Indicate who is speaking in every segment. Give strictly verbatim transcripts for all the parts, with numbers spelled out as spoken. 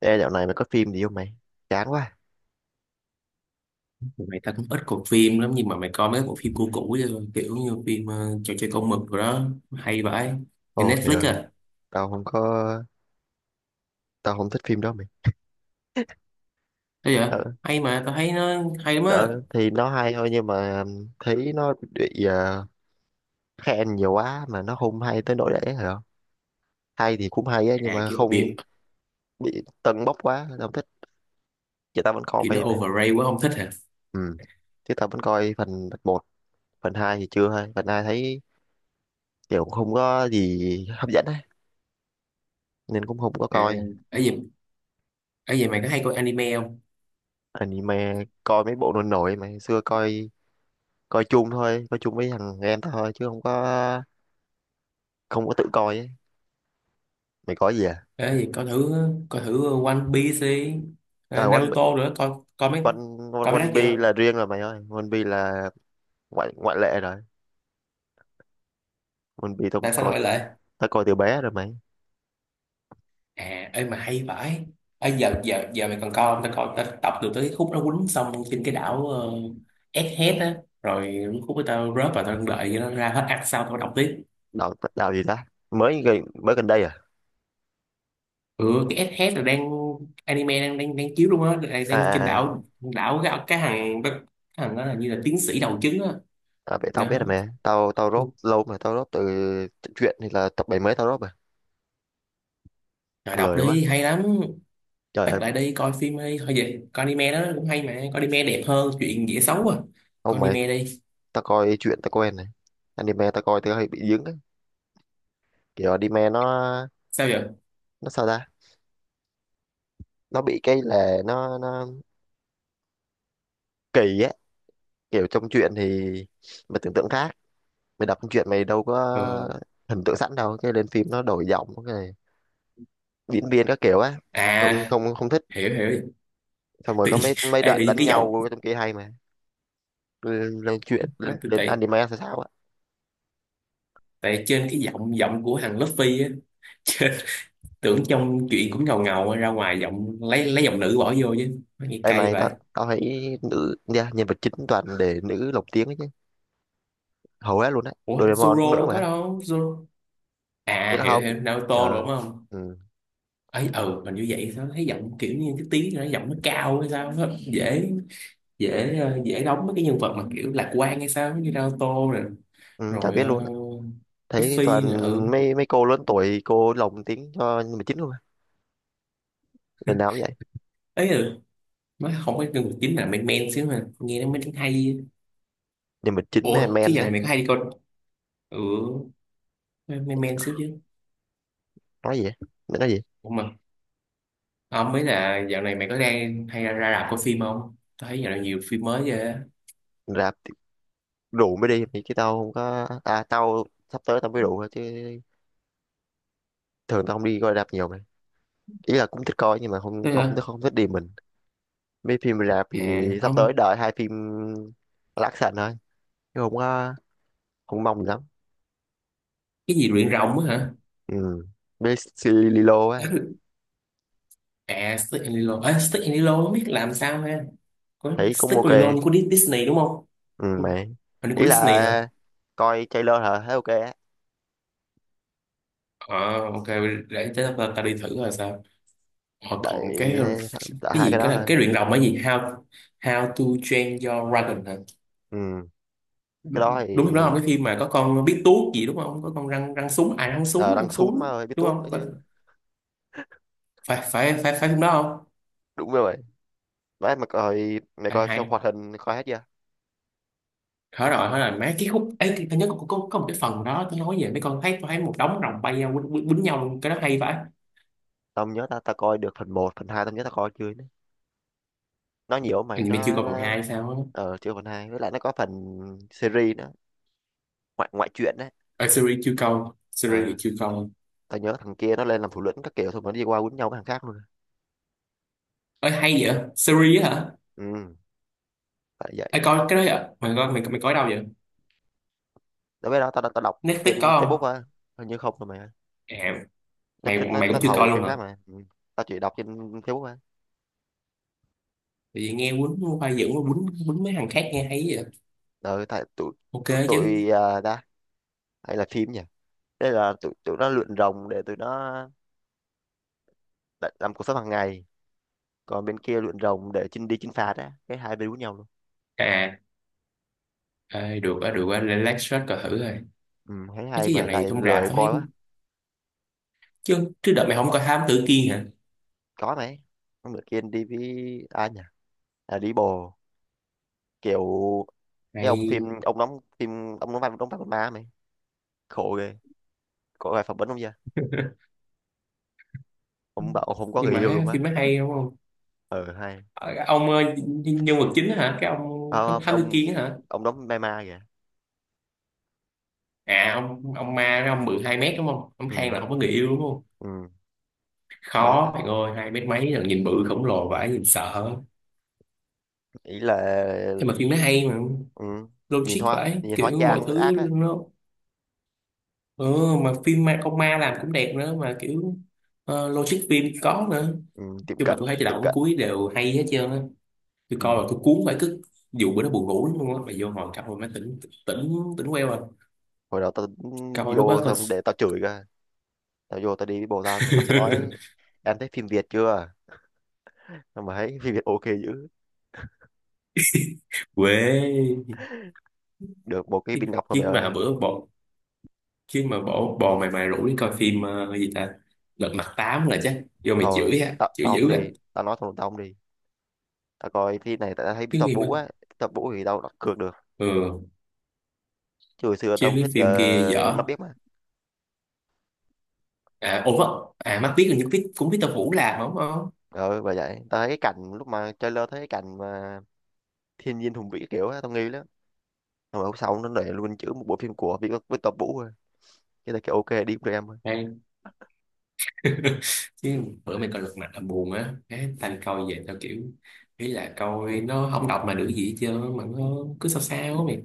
Speaker 1: Ê, dạo này mày có phim gì không mày? Chán quá.
Speaker 2: Mày ta cũng ít coi phim lắm nhưng mà mày coi mấy bộ phim cũ cũ chứ, kiểu như phim ờ, trò chơi con mực rồi đó hay vậy trên
Speaker 1: Ôi mày
Speaker 2: Netflix
Speaker 1: ơi,
Speaker 2: à?
Speaker 1: tao không có, tao không thích phim đó mày.
Speaker 2: Thế vậy.
Speaker 1: Đó,
Speaker 2: Hay mà, tao thấy nó hay lắm á.
Speaker 1: đó thì nó hay thôi nhưng mà ừm, thấy nó bị ờ, khen nhiều quá mà nó không hay tới nỗi đấy hả? Hay thì cũng hay á nhưng
Speaker 2: À
Speaker 1: mà
Speaker 2: kiểu
Speaker 1: không
Speaker 2: biệt,
Speaker 1: bị tâng bốc quá, tao không thích. Vậy tao vẫn coi
Speaker 2: kiểu nó
Speaker 1: mày mà.
Speaker 2: overrated quá không thích hả?
Speaker 1: Ừ. Chứ tao vẫn coi phần một, phần hai thì chưa hay. Phần hai thấy kiểu không có gì hấp dẫn á nên cũng không có
Speaker 2: À,
Speaker 1: coi.
Speaker 2: ấy gì, ấy gì mày có hay coi anime không?
Speaker 1: Anime coi mấy bộ nổi nổi mà xưa coi coi chung thôi, coi chung với thằng em thôi chứ không có không có tự coi ấy. Mày có gì à
Speaker 2: Ấy gì coi thử, coi thử One Piece đi, ờ,
Speaker 1: à One, Pi-
Speaker 2: Naruto nữa. Coi coi mấy,
Speaker 1: One, One,
Speaker 2: coi mấy đó
Speaker 1: One Piece
Speaker 2: chưa?
Speaker 1: là riêng rồi mày ơi. One Piece là ngoại ngoại lệ rồi. One Piece tao
Speaker 2: Tại sao lại
Speaker 1: coi
Speaker 2: quay lại?
Speaker 1: tao coi từ bé rồi mày.
Speaker 2: À ê mà hay vãi. Ê, giờ giờ giờ mày còn coi không? Tao coi, tao tập được tới khúc nó quýnh xong trên cái đảo uh, Egghead á. Rồi khúc của tao rớt và tao đợi cho nó ra hết arc sau tao đọc tiếp.
Speaker 1: Đạo đạo gì ta? Mới gần- mới gần đây à?
Speaker 2: Ừ, cái Egghead là đang anime đang đang đang chiếu luôn á, đang,
Speaker 1: À
Speaker 2: đang trên
Speaker 1: à, à.
Speaker 2: đảo đảo cái cái thằng cái thằng đó là như là tiến sĩ đầu trứng á.
Speaker 1: À vậy tao biết
Speaker 2: Nó
Speaker 1: rồi mày. Tao tao rốt lâu mà tao rốt từ chuyện thì là tập bảy mấy, tao rốt rồi.
Speaker 2: rồi đọc
Speaker 1: Lời quá,
Speaker 2: đi hay lắm.
Speaker 1: trời ơi.
Speaker 2: Bắt lại đi coi phim đi, thôi vậy coi anime đó cũng hay mà, coi anime đẹp hơn chuyện dễ xấu à. Coi
Speaker 1: Ông mày,
Speaker 2: anime đi.
Speaker 1: tao coi chuyện tao quen này, anime tao coi tao hay bị dính ấy. Kiểu anime nó
Speaker 2: Sao vậy?
Speaker 1: nó sao ta? Nó bị cái là nó nó kỳ á. Kiểu trong truyện thì mày tưởng tượng khác, mày đọc truyện mày đâu có
Speaker 2: Ừ.
Speaker 1: hình tượng sẵn đâu, cái lên phim nó đổi giọng, cái diễn viên các kiểu á. không
Speaker 2: À,
Speaker 1: không không thích.
Speaker 2: hiểu hiểu.
Speaker 1: Xong rồi
Speaker 2: Tự,
Speaker 1: có mấy mấy
Speaker 2: ê, tự
Speaker 1: đoạn
Speaker 2: nhiên
Speaker 1: đánh
Speaker 2: cái giọng
Speaker 1: nhau trong kia hay mà, lên, lên truyện lên
Speaker 2: mát tôi
Speaker 1: lên
Speaker 2: tệ,
Speaker 1: anime sao sao á.
Speaker 2: tại trên cái giọng giọng của thằng Luffy á, trên, tưởng trong chuyện cũng ngầu ngầu ra ngoài giọng lấy lấy giọng nữ bỏ vô chứ nó nghe
Speaker 1: Đây
Speaker 2: cay
Speaker 1: mày,
Speaker 2: vậy.
Speaker 1: tao tao thấy nữ nha, nhân vật chính toàn để nữ lồng tiếng ấy chứ, hầu hết luôn á.
Speaker 2: Ủa
Speaker 1: Doraemon cũng
Speaker 2: Zoro
Speaker 1: nữ
Speaker 2: đâu có
Speaker 1: mà.
Speaker 2: đâu, Zoro.
Speaker 1: Ý
Speaker 2: À
Speaker 1: là
Speaker 2: hiểu
Speaker 1: không.
Speaker 2: hiểu, Naruto
Speaker 1: Ờ.
Speaker 2: đúng không?
Speaker 1: Ừ,
Speaker 2: Ấy ừ, hình như vậy, sao thấy giọng kiểu như cái tiếng nó giọng nó cao hay sao á. Dễ, dễ ờ, dễ đóng mấy cái nhân vật mà kiểu lạc quan hay sao như Naruto rồi,
Speaker 1: ừ, chả
Speaker 2: rồi
Speaker 1: biết luôn á.
Speaker 2: uh,
Speaker 1: Thấy toàn
Speaker 2: Luffy nữa, ừ.
Speaker 1: mấy mấy cô lớn tuổi cô lồng tiếng cho nhân vật chính luôn á, lần nào cũng vậy.
Speaker 2: Ấy ừ, mới không có nhân vật chính là men men xíu mà nghe nó mới hay.
Speaker 1: Nhưng mà chính mấy anh
Speaker 2: Ủa, chứ
Speaker 1: men
Speaker 2: giờ
Speaker 1: á.
Speaker 2: này mày có hay đi coi. Ừ mày, men xíu chứ.
Speaker 1: Nói gì á? Nó nói gì?
Speaker 2: Ủa mà không, mấy là dạo này mày có đang hay ra, ra rạp coi phim không? Tao thấy dạo này nhiều phim mới ghê á.
Speaker 1: Rạp thì rượu mới đi thì chứ tao không có à, tao sắp tới tao mới rượu thôi chứ, thường tao không đi coi rạp nhiều mà. Ý là cũng thích coi nhưng mà không
Speaker 2: Thế
Speaker 1: không không
Speaker 2: hả?
Speaker 1: thích không thích đi mình. Mấy phim rạp
Speaker 2: À,
Speaker 1: thì sắp
Speaker 2: không,
Speaker 1: tới đợi hai phim action thôi chứ không có không mong gì lắm.
Speaker 2: cái gì luyện rồng á hả?
Speaker 1: Ừ, với Lilo á,
Speaker 2: À, Stick and Lilo. À, Stick and Lilo không biết làm sao ha. Có
Speaker 1: thấy cũng
Speaker 2: Stick
Speaker 1: ok.
Speaker 2: and Lilo của Dis- Disney đúng không?
Speaker 1: Ừ mà
Speaker 2: Hình như của
Speaker 1: ý
Speaker 2: Disney hả?
Speaker 1: là coi trailer hả, thấy ok á.
Speaker 2: Ờ, ok, để tới ta, ta đi thử là sao. Ờ, còn
Speaker 1: đợi,
Speaker 2: cái cái
Speaker 1: đợi hai
Speaker 2: gì
Speaker 1: cái
Speaker 2: cái
Speaker 1: đó
Speaker 2: là
Speaker 1: thôi.
Speaker 2: cái luyện rồng là gì? How How to Train Your Dragon hả?
Speaker 1: Ừ cái đó thì
Speaker 2: Đúng không đó không? Cái phim mà có con biết tuốt gì đúng không, có con răng răng súng à, răng súng
Speaker 1: ờ, đăng
Speaker 2: răng
Speaker 1: xuống mà
Speaker 2: súng
Speaker 1: ơi biết
Speaker 2: đúng
Speaker 1: tuốt nữa
Speaker 2: không? phải
Speaker 1: chứ.
Speaker 2: phải phải phải, phải phim đó không?
Speaker 1: Đúng rồi đấy. Mà coi mày,
Speaker 2: Phải,
Speaker 1: coi xong
Speaker 2: hay,
Speaker 1: hoạt hình coi hết chưa?
Speaker 2: thở rồi hỏi là mấy cái khúc ấy thì tôi nhớ có, có, có một cái phần đó tôi nói về mấy con, thấy tôi thấy một đống rồng bay nhau quýnh, quýnh, quýnh nhau luôn, cái đó hay phải.
Speaker 1: Tao không nhớ, tao tao coi được phần một, phần hai tao nhớ tao coi chưa nữa. Nó nhiều lắm mày,
Speaker 2: Hình như mày chưa
Speaker 1: nó
Speaker 2: coi phần hai sao á.
Speaker 1: ờ chưa phần hai. Với lại nó có phần series nữa, ngoại ngoại truyện đấy.
Speaker 2: Ở series chưa coi, series thì
Speaker 1: Ờ
Speaker 2: chưa coi.
Speaker 1: tao nhớ thằng kia nó lên làm thủ lĩnh các kiểu thôi, nó đi qua quýnh nhau với thằng khác luôn.
Speaker 2: Ơi hay vậy, series á hả.
Speaker 1: Ừ, phải vậy.
Speaker 2: Ê, coi cái đó vậy mày coi, mày, mày coi ở đâu vậy?
Speaker 1: Đối với đó tao tao đọc trên
Speaker 2: Netflix có
Speaker 1: Facebook
Speaker 2: không?
Speaker 1: á. Hình như không rồi mày ơi,
Speaker 2: À,
Speaker 1: Netflix
Speaker 2: mày
Speaker 1: nó
Speaker 2: mày cũng
Speaker 1: nó
Speaker 2: chưa coi
Speaker 1: thầu
Speaker 2: luôn
Speaker 1: phim
Speaker 2: hả?
Speaker 1: khác mà ừ. Tao chỉ đọc trên Facebook á.
Speaker 2: Tại vì nghe quýnh khoa dưỡng quýnh quýnh mấy thằng khác nghe hay vậy.
Speaker 1: Ờ tại tụi
Speaker 2: Ok chứ.
Speaker 1: tụi à, Ta hay là phim nhỉ. Đây là tụi tụi nó luyện rồng để tụi nó đã- làm cuộc sống hàng ngày, còn bên kia luyện rồng để chinh đi chinh phạt á, cái hai bên với nhau luôn.
Speaker 2: À, ê, được á, được á, lên lát shot coi thử rồi.
Speaker 1: Ừ, thấy
Speaker 2: Mấy
Speaker 1: hay
Speaker 2: chứ giờ
Speaker 1: mà
Speaker 2: này
Speaker 1: tại
Speaker 2: trong rạp
Speaker 1: lười
Speaker 2: tao thấy
Speaker 1: coi quá.
Speaker 2: cũng... Chứ, chứ đợt mày không coi Thám Tử Kiên hả?
Speaker 1: Có mấy hôm bữa kia đi với ai nhỉ? À đi bồ, kiểu cái ông phim,
Speaker 2: Này,
Speaker 1: ông đóng phim, ông đóng vai đóng vai con ma mày, khổ ghê, có ai phỏng vấn không chưa, ông bảo ông không có
Speaker 2: nhưng
Speaker 1: người
Speaker 2: mà
Speaker 1: yêu
Speaker 2: ha,
Speaker 1: luôn á.
Speaker 2: phim nó hay đúng không?
Speaker 1: Ừ hay.
Speaker 2: Ờ, ông ờ, nhân, nhân vật chính á hả? Cái ông
Speaker 1: Ờ,
Speaker 2: Thám Tử
Speaker 1: ông
Speaker 2: Kiên á hả?
Speaker 1: ông đóng ma ma kìa.
Speaker 2: À, ông ông ma, cái ông bự hai mét đúng không? Ông
Speaker 1: Ừ.
Speaker 2: than là không có người yêu đúng không?
Speaker 1: Ừ mà
Speaker 2: Khó, bạn ơi, hai mét mấy là nhìn bự khổng lồ vãi, nhìn sợ.
Speaker 1: ý là
Speaker 2: Nhưng mà phim nó hay mà,
Speaker 1: ừ, nhìn
Speaker 2: logic
Speaker 1: hoa
Speaker 2: vãi,
Speaker 1: nhìn hóa
Speaker 2: kiểu mọi
Speaker 1: trang ác
Speaker 2: thứ
Speaker 1: á.
Speaker 2: nó... Ừ, mà phim ma, con ma làm cũng đẹp nữa, mà kiểu ờ, logic phim có nữa.
Speaker 1: Ừ, tiệm
Speaker 2: Chứ mà
Speaker 1: cận
Speaker 2: tôi thấy từ
Speaker 1: tiệm
Speaker 2: đầu đến
Speaker 1: cận.
Speaker 2: cuối đều hay hết trơn á, tôi
Speaker 1: Ừ.
Speaker 2: coi là tôi cuốn phải cứ, dù bữa đó buồn ngủ lắm luôn á mà vô ngồi coi mà tỉnh, tỉnh, tỉnh queo à.
Speaker 1: Hồi đó tao ừ,
Speaker 2: Coi lúc đó
Speaker 1: vô
Speaker 2: coi.
Speaker 1: xong để tao chửi cơ, tao vô tao đi với bồ tao mà tao sẽ nói em thấy phim Việt chưa, nhưng mà thấy phim Việt ok dữ,
Speaker 2: Quê.
Speaker 1: được một cái
Speaker 2: Chứ,
Speaker 1: bình ngọc thôi mày
Speaker 2: chứ mà
Speaker 1: ơi.
Speaker 2: bữa bộ, chứ mà bỏ bò mày, mày rủ đi coi phim ờ, gì ta, lật mặt tám là chắc vô mày
Speaker 1: Thôi
Speaker 2: chửi á,
Speaker 1: tao
Speaker 2: chửi
Speaker 1: tao không
Speaker 2: dữ á.
Speaker 1: đi, tao nói thằng tao không đi. Tao coi phim này tao thấy biết
Speaker 2: Chứ
Speaker 1: tập
Speaker 2: phim á.
Speaker 1: Vũ á, tập Vũ thì tao đặt cược được.
Speaker 2: Ừ.
Speaker 1: Chứ hồi xưa tao
Speaker 2: Chứ
Speaker 1: không
Speaker 2: cái
Speaker 1: thích
Speaker 2: phim kia
Speaker 1: uh, mắt
Speaker 2: dở.
Speaker 1: biết mà.
Speaker 2: À ủa à, mắt biết là những biết cũng biết tao Vũ làm đúng không.
Speaker 1: Ờ bởi vậy tao thấy cái cảnh lúc mà trailer, thấy cái cảnh mà thiên nhiên hùng vĩ kiểu á, tao nghi lắm. Rồi hôm sau nó để luôn chữ một bộ phim của Việt với tập Vũ rồi, cái này cái ok đi với em thôi.
Speaker 2: Chứ bữa mày coi lật mặt là buồn á, cái
Speaker 1: Ừ.
Speaker 2: tao coi về tao kiểu, ý là coi nó không đọc mà được gì hết trơn mà nó cứ sao sao á mày,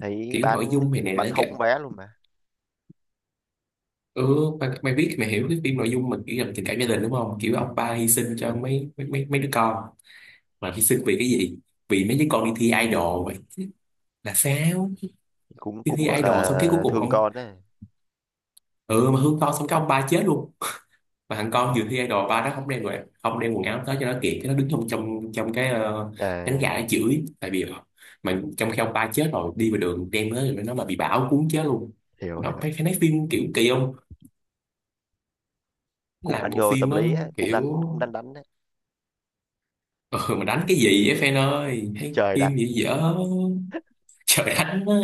Speaker 1: Thấy
Speaker 2: kiểu nội
Speaker 1: bán
Speaker 2: dung mày này
Speaker 1: bán
Speaker 2: nó kệ.
Speaker 1: không vé luôn mà.
Speaker 2: Ừ mày, mày biết mày hiểu cái phim nội dung mình kiểu là tình cảm gia đình đúng không, kiểu ông
Speaker 1: Ừ
Speaker 2: ba hy sinh cho mấy mấy mấy, mấy đứa con, mà hy sinh vì cái gì? Vì mấy đứa con đi thi idol vậy. Chứ là sao,
Speaker 1: cũng
Speaker 2: đi
Speaker 1: cũng
Speaker 2: thi
Speaker 1: gọi
Speaker 2: idol xong cái cuối
Speaker 1: là
Speaker 2: cùng
Speaker 1: thương
Speaker 2: ông,
Speaker 1: con đấy.
Speaker 2: ừ mà hương to xong cái ông ba chết luôn, mà thằng con dự thi idol ba nó không đem đồ, không đem quần áo tới cho nó kịp, cái nó đứng trong trong trong cái ờ, cánh
Speaker 1: À
Speaker 2: gà nó chửi tại vì ờ, mà trong khi ông ba chết rồi đi vào đường đem nó rồi nó mà bị bão cuốn chết luôn.
Speaker 1: hiểu hiểu.
Speaker 2: Nó phải phải, nói phim kiểu kỳ không,
Speaker 1: Cũng
Speaker 2: làm
Speaker 1: đánh
Speaker 2: bộ
Speaker 1: vô tâm
Speaker 2: phim á
Speaker 1: lý á, cũng
Speaker 2: kiểu.
Speaker 1: đánh cũng đánh đánh đấy.
Speaker 2: Ừ, mà đánh cái gì vậy fan ơi, thấy
Speaker 1: Trời đánh.
Speaker 2: phim gì dở. Trời đánh á.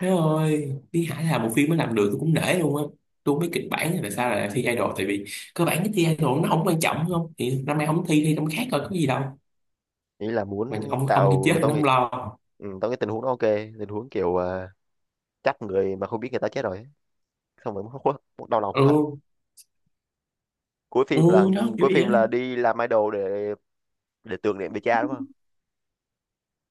Speaker 2: Trời ơi Lý Hải làm một phim mới làm được tôi cũng nể luôn á. Tôi không biết kịch bản là tại sao lại thi idol, tại vì cơ bản cái thi idol nó không quan trọng đúng không, thì năm nay không thi thi năm khác rồi có gì đâu,
Speaker 1: Ý là
Speaker 2: mà
Speaker 1: muốn
Speaker 2: ông ông kia chết
Speaker 1: tạo
Speaker 2: thì
Speaker 1: tao
Speaker 2: nó
Speaker 1: nghĩ
Speaker 2: không lo.
Speaker 1: ừ, tao nghĩ tình huống nó ok. Tình huống kiểu à, chắc người mà không biết người ta chết rồi ấy. Xong rồi hối hối- đau lòng
Speaker 2: Ừ.
Speaker 1: hối hận. cuối
Speaker 2: Ừ,
Speaker 1: phim là
Speaker 2: nó kiểu
Speaker 1: cuối
Speaker 2: vậy
Speaker 1: phim
Speaker 2: á.
Speaker 1: là đi làm idol để để tưởng niệm về cha đúng không.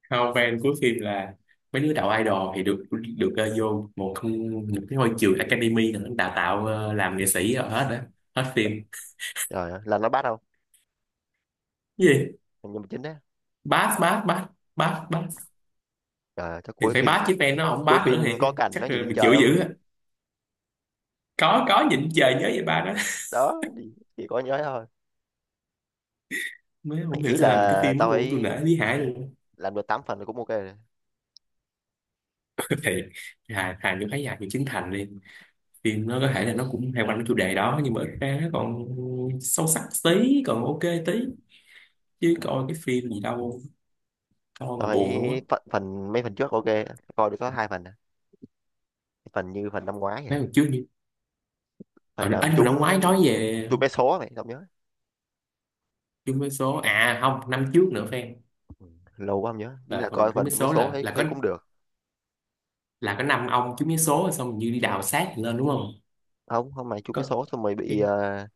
Speaker 2: Hào fan cuối phim là mấy đứa đạo idol thì được, được ờ, vô một không một cái ngôi trường academy là đào tạo ờ, làm nghệ sĩ rồi hết đó, hết phim.
Speaker 1: Trời ơi, là nó bắt không?
Speaker 2: Cái gì?
Speaker 1: Nhưng mà chính đấy.
Speaker 2: Bát bát bát, bát bát.
Speaker 1: Trời ơi, chắc
Speaker 2: Thì
Speaker 1: cuối
Speaker 2: phải
Speaker 1: phim
Speaker 2: bát chứ fan, nó không
Speaker 1: cuối
Speaker 2: bát nữa
Speaker 1: phim
Speaker 2: thì
Speaker 1: có cảnh nó
Speaker 2: chắc
Speaker 1: nhìn
Speaker 2: là
Speaker 1: lên
Speaker 2: bị
Speaker 1: trời
Speaker 2: chịu
Speaker 1: không.
Speaker 2: dữ á. có có nhịn trời nhớ về ba đó.
Speaker 1: Đó chỉ, chỉ có nhớ thôi.
Speaker 2: Mới không hiểu
Speaker 1: Ý
Speaker 2: sao làm cái
Speaker 1: là
Speaker 2: phim mới
Speaker 1: tao
Speaker 2: luôn, tôi
Speaker 1: thấy
Speaker 2: nể Lý Hải luôn.
Speaker 1: làm được tám phần là cũng ok rồi.
Speaker 2: Thì hà, hà như thấy hà như Trấn Thành đi, phim nó có thể là nó cũng hay quanh cái chủ đề đó nhưng mà ít ra nó còn sâu sắc tí còn ok tí. Chứ coi cái phim gì đâu, coi mà
Speaker 1: Tôi
Speaker 2: buồn luôn
Speaker 1: thấy
Speaker 2: á.
Speaker 1: phần, phần mấy phần trước ok. Coi được có hai phần à. Phần như phần năm ngoái vậy.
Speaker 2: Mấy lần trước như, ờ
Speaker 1: Phần nào
Speaker 2: à,
Speaker 1: mà
Speaker 2: nhưng mà
Speaker 1: trúng
Speaker 2: năm ngoái nói về
Speaker 1: trúng vé số mày không nhớ.
Speaker 2: chung mấy số à, không năm trước nữa fan.
Speaker 1: Lâu quá không nhớ, đi
Speaker 2: Là
Speaker 1: là
Speaker 2: phần
Speaker 1: coi
Speaker 2: chung
Speaker 1: phần
Speaker 2: mấy
Speaker 1: trúng vé
Speaker 2: số
Speaker 1: số
Speaker 2: là
Speaker 1: thấy,
Speaker 2: là có,
Speaker 1: thấy cũng được.
Speaker 2: là có năm ông chung mấy số rồi xong như đi đào xác lên đúng không?
Speaker 1: Không không, mày trúng vé
Speaker 2: Có
Speaker 1: số xong mày bị
Speaker 2: cái.
Speaker 1: ờ,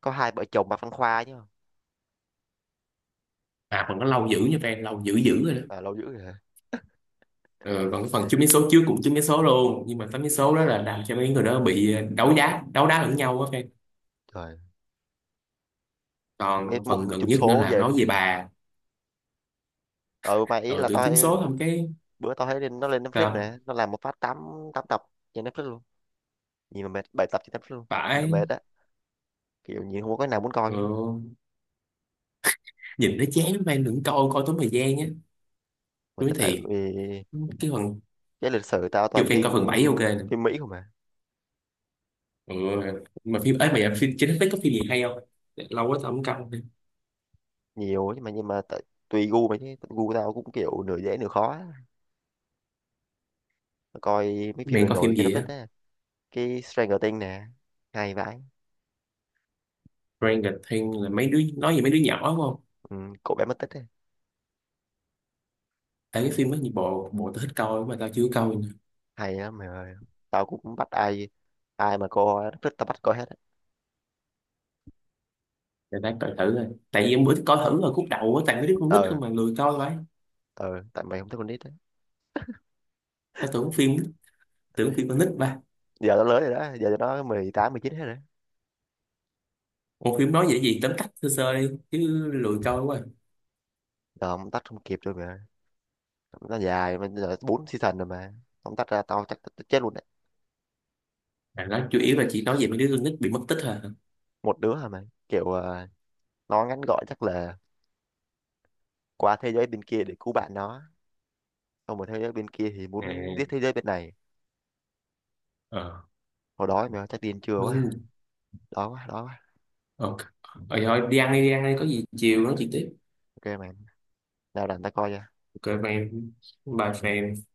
Speaker 1: có hai vợ chồng bà Văn Khoa chứ không?
Speaker 2: À, phần nó lâu dữ nha fan, lâu dữ dữ rồi đó.
Speaker 1: À, lâu dữ vậy hả?
Speaker 2: Ờ, còn cái phần chung mấy số trước cũng chung mấy số luôn nhưng mà tám mấy số đó là làm cho mấy người đó bị ờ, đấu đá, đấu đá lẫn nhau á fan.
Speaker 1: Trời mấy
Speaker 2: Còn
Speaker 1: mốt
Speaker 2: phần
Speaker 1: mình
Speaker 2: gần
Speaker 1: trúng
Speaker 2: nhất nữa
Speaker 1: số
Speaker 2: là
Speaker 1: về
Speaker 2: nói
Speaker 1: luôn.
Speaker 2: về bà.
Speaker 1: Ừ mà ý
Speaker 2: Ừ,
Speaker 1: là
Speaker 2: tưởng
Speaker 1: tao
Speaker 2: trúng số không cái.
Speaker 1: bữa tao thấy lên nó lên Netflix
Speaker 2: Sao?
Speaker 1: nè, nó làm một phát tám tám tập trên Netflix luôn, nhìn mà mệt, bảy tập trên Netflix luôn, nhìn mà
Speaker 2: Phải.
Speaker 1: mệt á, kiểu nhìn không có cái nào muốn coi
Speaker 2: Ừ.
Speaker 1: luôn.
Speaker 2: Nhìn nó chán lắm fan, đừng coi, coi tốn thời gian á,
Speaker 1: Mà
Speaker 2: nói
Speaker 1: tại tại
Speaker 2: thiệt.
Speaker 1: vì
Speaker 2: Cái phần,
Speaker 1: cái lịch sử tao
Speaker 2: dù
Speaker 1: toàn
Speaker 2: fan
Speaker 1: phim,
Speaker 2: coi phần bảy ok nè.
Speaker 1: phim Mỹ không à.
Speaker 2: Ừ. Mà phim ấy mà dạ, phim trên Netflix có phim gì hay không, lâu quá tao không coi nữa.
Speaker 1: Nhiều nhưng mà nhưng mà tại- tùy gu mày chứ gu tao cũng kiểu nửa dễ nửa khó á. Coi mấy phim
Speaker 2: Mày
Speaker 1: đồn
Speaker 2: coi
Speaker 1: nổi
Speaker 2: phim
Speaker 1: cho nó
Speaker 2: gì
Speaker 1: thích
Speaker 2: á?
Speaker 1: á, cái Stranger Things nè, hay vãi.
Speaker 2: Stranger Things là mấy đứa nói về mấy đứa nhỏ đúng không?
Speaker 1: Ừ, cậu bé mất tích á.
Speaker 2: Tại cái phim đó nhiều bộ bộ tao thích coi mà tao chưa coi nè.
Speaker 1: Hay lắm mày ơi, tao cũng bắt ai, ai mà cô nó thích tao bắt coi hết á.
Speaker 2: Để tao coi thử rồi, tại vì em bữa coi thử rồi khúc đầu á, tại mấy đứa con nít
Speaker 1: Ờ
Speaker 2: không mà lười coi vậy.
Speaker 1: ờ, tại mày không thích con nít á.
Speaker 2: Tao tưởng phim, tưởng phim con nít ba.
Speaker 1: Giờ nó lớn rồi đó, giờ nó mười tám mười chín hết rồi.
Speaker 2: Một phim nói vậy gì, tóm tắt sơ sơ đi chứ, lười coi quá.
Speaker 1: Giờ không tách không kịp rồi mà, nó dài mà, giờ bốn season rồi mà, không tách ra tao chắc tao chết luôn đấy.
Speaker 2: À, đó chủ yếu là chỉ nói về mấy đứa con nít bị mất tích thôi hả?
Speaker 1: Một đứa hả mày, kiểu ờ, nó ngắn gọn chắc là qua thế giới bên kia để cứu bạn nó. Xong rồi thế giới bên kia thì muốn biết
Speaker 2: À,
Speaker 1: thế giới bên này.
Speaker 2: ờ,
Speaker 1: Hồi đó mày ơi, chắc điên chưa
Speaker 2: mấy,
Speaker 1: quá. Đói quá, đói quá.
Speaker 2: ok rồi thôi đi ăn đi, đi ăn đi có gì chiều nói chuyện tiếp.
Speaker 1: Ok mày, nào làm ta coi cho.
Speaker 2: Ok bye em. Bye.